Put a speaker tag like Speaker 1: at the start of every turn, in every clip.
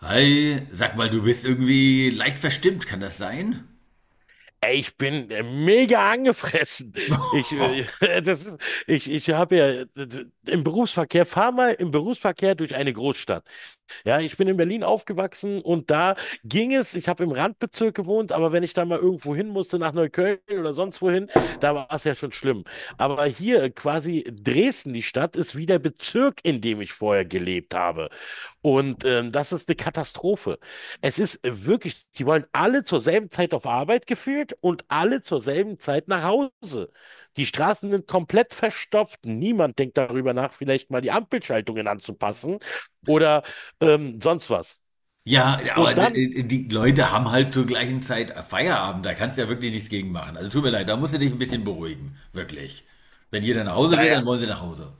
Speaker 1: Hi, sag mal, du bist irgendwie leicht verstimmt, kann das sein?
Speaker 2: Ey, ich bin mega angefressen. Ich, äh, das ist, ich habe ja im Berufsverkehr, fahr mal im Berufsverkehr durch eine Großstadt. Ja, ich bin in Berlin aufgewachsen und da ging es, ich habe im Randbezirk gewohnt, aber wenn ich da mal irgendwo hin musste, nach Neukölln oder sonst wohin, da war es ja schon schlimm. Aber hier quasi Dresden, die Stadt, ist wie der Bezirk, in dem ich vorher gelebt habe. Und das ist eine Katastrophe. Es ist wirklich, die wollen alle zur selben Zeit auf Arbeit geführt und alle zur selben Zeit nach Hause. Die Straßen sind komplett verstopft. Niemand denkt darüber nach, vielleicht mal die Ampelschaltungen anzupassen oder sonst was.
Speaker 1: Ja, aber
Speaker 2: Und dann,
Speaker 1: die Leute haben halt zur gleichen Zeit Feierabend, da kannst du ja wirklich nichts gegen machen. Also tut mir leid, da musst du dich ein bisschen beruhigen, wirklich. Wenn jeder nach Hause
Speaker 2: naja,
Speaker 1: will, dann wollen
Speaker 2: ja,
Speaker 1: sie nach Hause.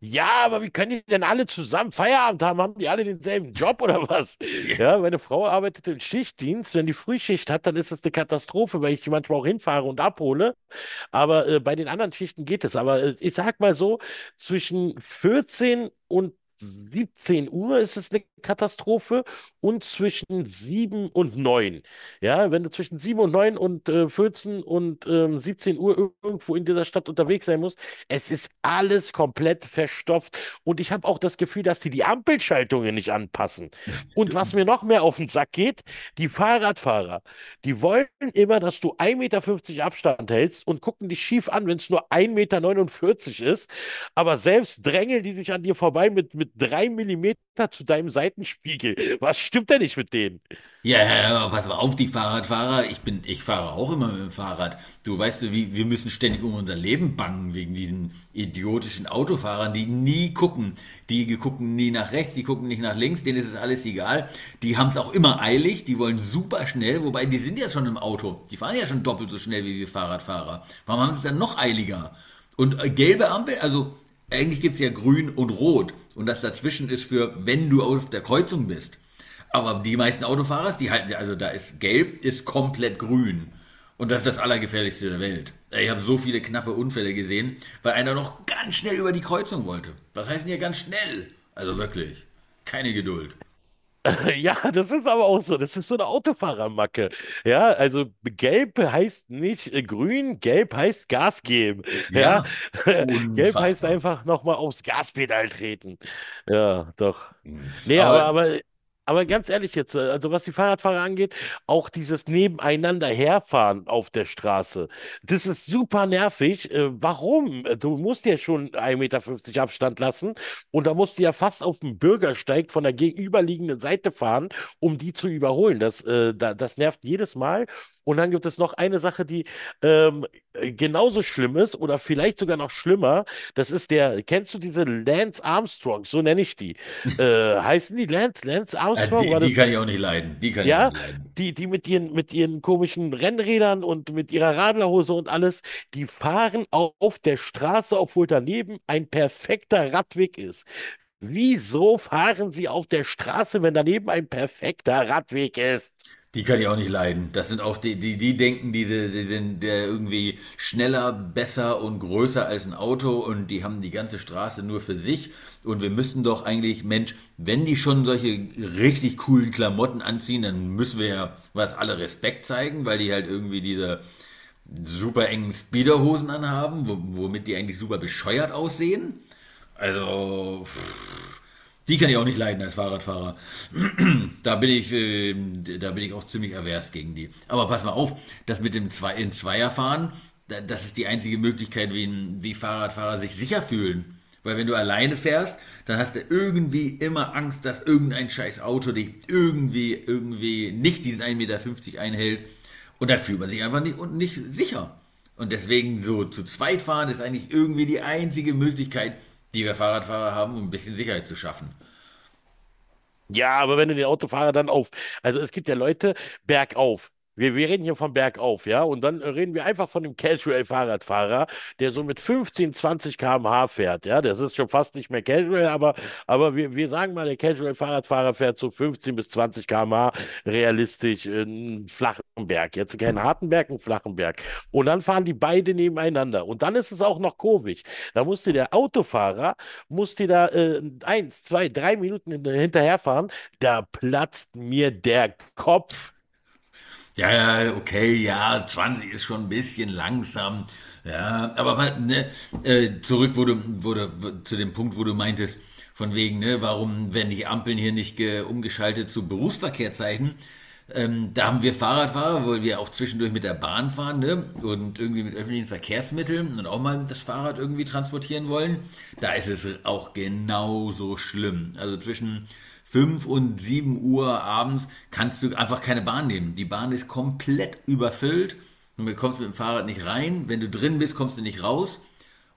Speaker 2: ja, aber wie können die denn alle zusammen Feierabend haben? Haben die alle denselben Job oder was?
Speaker 1: Ja.
Speaker 2: Ja, meine Frau arbeitet im Schichtdienst. Wenn die Frühschicht hat, dann ist es eine Katastrophe, weil ich die manchmal auch hinfahre und abhole. Aber bei den anderen Schichten geht es. Aber ich sag mal so, zwischen 14 und 17 Uhr ist es eine Katastrophe und zwischen 7 und 9. Ja, wenn du zwischen 7 und 9 und 14 und 17 Uhr irgendwo in dieser Stadt unterwegs sein musst, es ist alles komplett verstopft. Und ich habe auch das Gefühl, dass die Ampelschaltungen nicht anpassen. Und was mir noch mehr auf den Sack geht, die Fahrradfahrer. Die wollen immer, dass du 1,50 m Abstand hältst und gucken dich schief an, wenn es nur 1,49 m ist. Aber selbst drängeln die sich an dir vorbei mit 3 mm zu deinem Seitenspiegel. Was stimmt denn nicht mit denen?
Speaker 1: Ja, ja, ja, pass mal auf, die Fahrradfahrer. Ich fahre auch immer mit dem Fahrrad. Du weißt, du, wie, Wir müssen ständig um unser Leben bangen wegen diesen idiotischen Autofahrern, die nie gucken. Die gucken nie nach rechts, die gucken nicht nach links, denen ist es alles egal. Die haben es auch immer eilig, die wollen super schnell, wobei die sind ja schon im Auto. Die fahren ja schon doppelt so schnell wie wir Fahrradfahrer. Warum haben sie es dann noch eiliger? Und gelbe Ampel, also eigentlich gibt's ja grün und rot. Und das dazwischen ist für, wenn du auf der Kreuzung bist. Aber die meisten Autofahrer, die halten, also da ist gelb, ist komplett grün. Und das ist das Allergefährlichste der Welt. Ich habe so viele knappe Unfälle gesehen, weil einer noch ganz schnell über die Kreuzung wollte. Was heißt denn hier ganz schnell? Also wirklich, keine Geduld.
Speaker 2: Ja, das ist aber auch so. Das ist so eine Autofahrermacke. Ja, also gelb heißt nicht grün, gelb heißt Gas geben. Ja,
Speaker 1: Ja,
Speaker 2: gelb heißt
Speaker 1: unfassbar.
Speaker 2: einfach nochmal aufs Gaspedal treten. Ja, doch. Nee, aber,
Speaker 1: Aber
Speaker 2: aber, aber ganz ehrlich jetzt, also was die Fahrradfahrer angeht, auch dieses nebeneinander herfahren auf der Straße, das ist super nervig. Warum? Du musst ja schon 1,50 Meter Abstand lassen und da musst du ja fast auf den Bürgersteig von der gegenüberliegenden Seite fahren, um die zu überholen. Das nervt jedes Mal. Und dann gibt es noch eine Sache, die ähm, genauso schlimm ist oder vielleicht sogar noch schlimmer. Das ist der, kennst du diese Lance Armstrong? So nenne ich die. Äh, heißen die Lance? Lance Armstrong? War
Speaker 1: die
Speaker 2: das,
Speaker 1: kann ich auch nicht leiden. Die kann ich auch
Speaker 2: ja?
Speaker 1: nicht leiden.
Speaker 2: Die, die mit ihren komischen Rennrädern und mit ihrer Radlerhose und alles, die fahren auf der Straße, obwohl daneben ein perfekter Radweg ist. Wieso fahren Sie auf der Straße, wenn daneben ein perfekter Radweg ist?
Speaker 1: Die kann ich auch nicht leiden. Das sind auch die denken, die sind irgendwie schneller, besser und größer als ein Auto, und die haben die ganze Straße nur für sich. Und wir müssten doch eigentlich, Mensch, wenn die schon solche richtig coolen Klamotten anziehen, dann müssen wir ja was alle Respekt zeigen, weil die halt irgendwie diese super engen Speederhosen anhaben, womit die eigentlich super bescheuert aussehen. Also, pff, die kann ich auch nicht leiden als Fahrradfahrer. Da bin ich, da bin ich auch ziemlich avers gegen die. Aber pass mal auf, das mit dem Zwei in Zweierfahren, das ist die einzige Möglichkeit, wie Fahrradfahrer sich sicher fühlen. Weil wenn du alleine fährst, dann hast du irgendwie immer Angst, dass irgendein scheiß Auto dich irgendwie nicht diesen 1,50 Meter einhält. Und dann fühlt man sich einfach nicht sicher. Und deswegen so zu zweit fahren ist eigentlich irgendwie die einzige Möglichkeit, die wir Fahrradfahrer haben, um ein bisschen Sicherheit zu schaffen.
Speaker 2: Ja, aber wenn du den Autofahrer dann auf, also es gibt ja Leute bergauf. Wir reden hier von bergauf, ja, und dann reden wir einfach von dem Casual-Fahrradfahrer, der so mit 15, 20 km/h fährt, ja, das ist schon fast nicht mehr Casual, aber wir sagen mal, der Casual-Fahrradfahrer fährt so 15 bis 20 km/h realistisch einen flachen Berg, jetzt keinen harten Berg, einen flachen Berg. Und dann fahren die beide nebeneinander und dann ist es auch noch kurvig. Da musste der Autofahrer musst dir da eins, zwei, drei Minuten hinterherfahren, da platzt mir der Kopf.
Speaker 1: Ja, ja, okay, ja, 20 ist schon ein bisschen langsam. Ja, aber ne, wurde zu dem Punkt, wo du meintest, von wegen, ne, warum werden die Ampeln hier nicht umgeschaltet zu Berufsverkehrszeichen? Da haben wir Fahrradfahrer, weil wir auch zwischendurch mit der Bahn fahren, ne? Und irgendwie mit öffentlichen Verkehrsmitteln und auch mal das Fahrrad irgendwie transportieren wollen. Da ist es auch genauso schlimm. Also zwischen 5 und 7 Uhr abends kannst du einfach keine Bahn nehmen. Die Bahn ist komplett überfüllt. Du kommst mit dem Fahrrad nicht rein. Wenn du drin bist, kommst du nicht raus.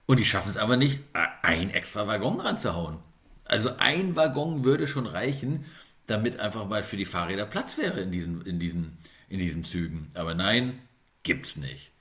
Speaker 1: Und die schaffen es aber nicht, einen extra Waggon ranzuhauen. Also ein Waggon würde schon reichen, damit einfach mal für die Fahrräder Platz wäre in diesen Zügen. Aber nein, gibt's nicht.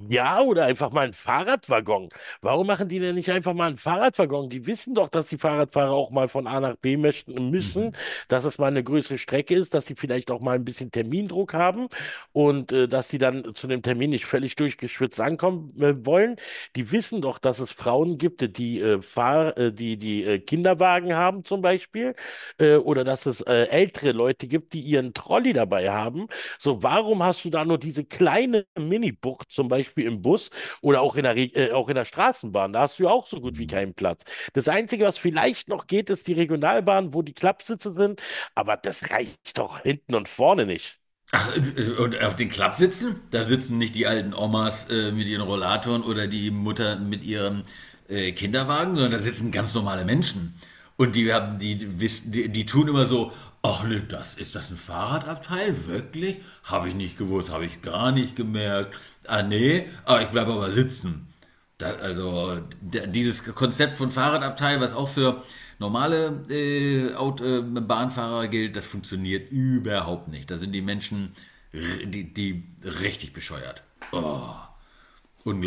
Speaker 2: Ja, oder einfach mal einen Fahrradwaggon. Warum machen die denn nicht einfach mal einen Fahrradwaggon? Die wissen doch, dass die Fahrradfahrer auch mal von A nach B möchten, müssen, dass es mal eine größere Strecke ist, dass sie vielleicht auch mal ein bisschen Termindruck haben und dass sie dann zu dem Termin nicht völlig durchgeschwitzt ankommen wollen. Die wissen doch, dass es Frauen gibt, die Kinderwagen haben zum Beispiel oder dass es ältere Leute gibt, die ihren Trolley dabei haben so, warum hast du da nur diese kleine Mini-Bucht, zum Beispiel im Bus oder auch in auch in der Straßenbahn? Da hast du ja auch so gut wie keinen Platz. Das Einzige, was vielleicht noch geht, ist die Regionalbahn, wo die Klappsitze sind, aber das reicht doch hinten und vorne nicht.
Speaker 1: Ach, und auf den Klappsitzen? Da sitzen nicht die alten Omas mit ihren Rollatoren oder die Mutter mit ihrem Kinderwagen, sondern da sitzen ganz normale Menschen. Und die haben, die tun immer so, ach ne, das ist das ein Fahrradabteil? Wirklich? Habe ich nicht gewusst, habe ich gar nicht gemerkt. Ah nee, aber ich bleibe aber sitzen. Dieses Konzept von Fahrradabteil, was auch für normale Aut Bahnfahrer gilt, das funktioniert überhaupt nicht. Da sind die Menschen, die richtig bescheuert.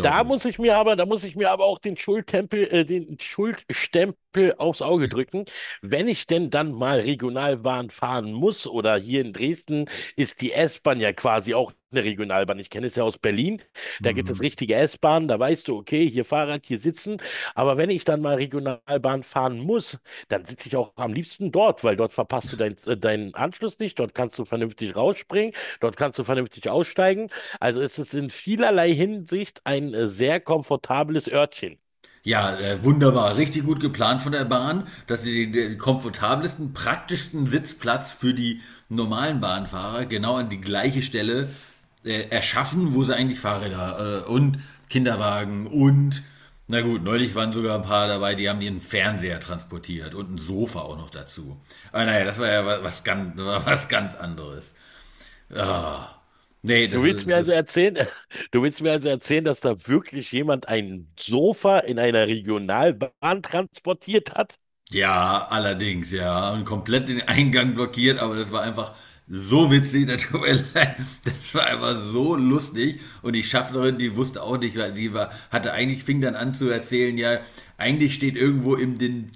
Speaker 2: Da muss ich mir aber, da muss ich mir aber auch den Schuldstempel aufs Auge drücken. Wenn ich denn dann mal Regionalbahn fahren muss oder hier in Dresden ist die S-Bahn ja quasi auch eine Regionalbahn. Ich kenne es ja aus Berlin. Da gibt es
Speaker 1: Mhm.
Speaker 2: richtige S-Bahnen, da weißt du, okay, hier Fahrrad, hier sitzen. Aber wenn ich dann mal Regionalbahn fahren muss, dann sitze ich auch am liebsten dort, weil dort verpasst du deinen Anschluss nicht, dort kannst du vernünftig rausspringen, dort kannst du vernünftig aussteigen. Also es ist in vielerlei Hinsicht ein sehr komfortables Örtchen.
Speaker 1: Ja, wunderbar. Richtig gut geplant von der Bahn, dass sie den komfortabelsten, praktischsten Sitzplatz für die normalen Bahnfahrer genau an die gleiche Stelle erschaffen, wo sie eigentlich Fahrräder und Kinderwagen und, na gut, neulich waren sogar ein paar dabei, die haben ihren Fernseher transportiert und ein Sofa auch noch dazu. Aber naja, das war ja was, was ganz, was ganz anderes. Ah. Nee,
Speaker 2: Du
Speaker 1: das
Speaker 2: willst
Speaker 1: ist, das
Speaker 2: mir also
Speaker 1: ist.
Speaker 2: erzählen, du willst mir also erzählen, dass da wirklich jemand ein Sofa in einer Regionalbahn transportiert hat?
Speaker 1: Ja, allerdings, ja. Und komplett den Eingang blockiert, aber das war einfach so witzig, das tut mir leid. Das war einfach so lustig. Und die Schaffnerin, die wusste auch nicht, weil sie war, hatte eigentlich, fing dann an zu erzählen, ja, eigentlich steht irgendwo im den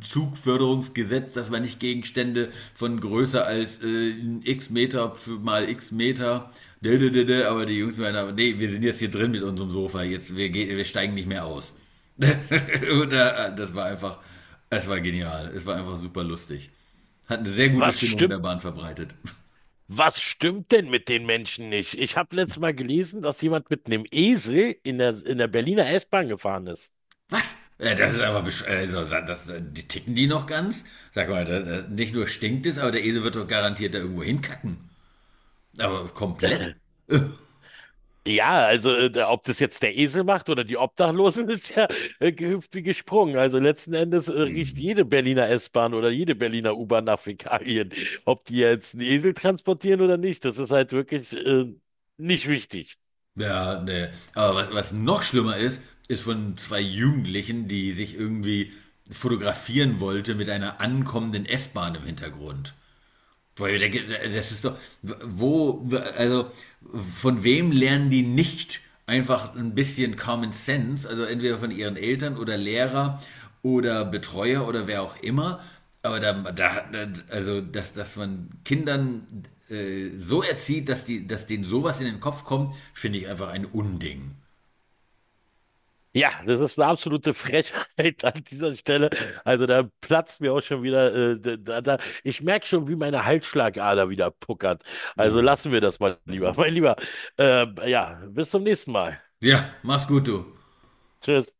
Speaker 1: Zugförderungsgesetz, dass man nicht Gegenstände von größer als x Meter mal x Meter, dä, dä, dä, dä. Aber die Jungs meinen, nee, wir sind jetzt hier drin mit unserem Sofa, wir steigen nicht mehr aus. Und, das war einfach es war genial. Es war einfach super lustig. Hat eine sehr gute
Speaker 2: Was
Speaker 1: Stimmung in der
Speaker 2: stimmt,
Speaker 1: Bahn verbreitet.
Speaker 2: was stimmt denn mit den Menschen nicht? Ich habe letztes Mal gelesen, dass jemand mit einem Esel in der Berliner S-Bahn gefahren ist.
Speaker 1: Was? Das ist aber besch also, sa- das, die ticken die noch ganz? Sag mal, nicht nur stinkt es, aber der Esel wird doch garantiert da irgendwo hinkacken. Aber komplett?
Speaker 2: Ja, also ob das jetzt der Esel macht oder die Obdachlosen, ist ja gehüpft wie gesprungen. Also letzten Endes riecht jede Berliner S-Bahn oder jede Berliner U-Bahn nach Fäkalien. Ob die jetzt einen Esel transportieren oder nicht, das ist halt wirklich nicht wichtig.
Speaker 1: Ja, ne. Aber was, was noch schlimmer ist, ist von zwei Jugendlichen, die sich irgendwie fotografieren wollte mit einer ankommenden S-Bahn im Hintergrund. Das ist doch, wo, also von wem lernen die nicht einfach ein bisschen Common Sense? Also entweder von ihren Eltern oder Lehrer oder Betreuer oder wer auch immer. Aber da, da also dass man Kindern so erzieht, dass denen sowas in den Kopf kommt, finde ich einfach ein Unding.
Speaker 2: Ja, das ist eine absolute Frechheit an dieser Stelle. Also da platzt mir auch schon wieder, ich merke schon, wie meine Halsschlagader wieder puckert. Also lassen wir das mal lieber. Mein Lieber, ja, bis zum nächsten Mal.
Speaker 1: Ja, mach's gut, du.
Speaker 2: Tschüss.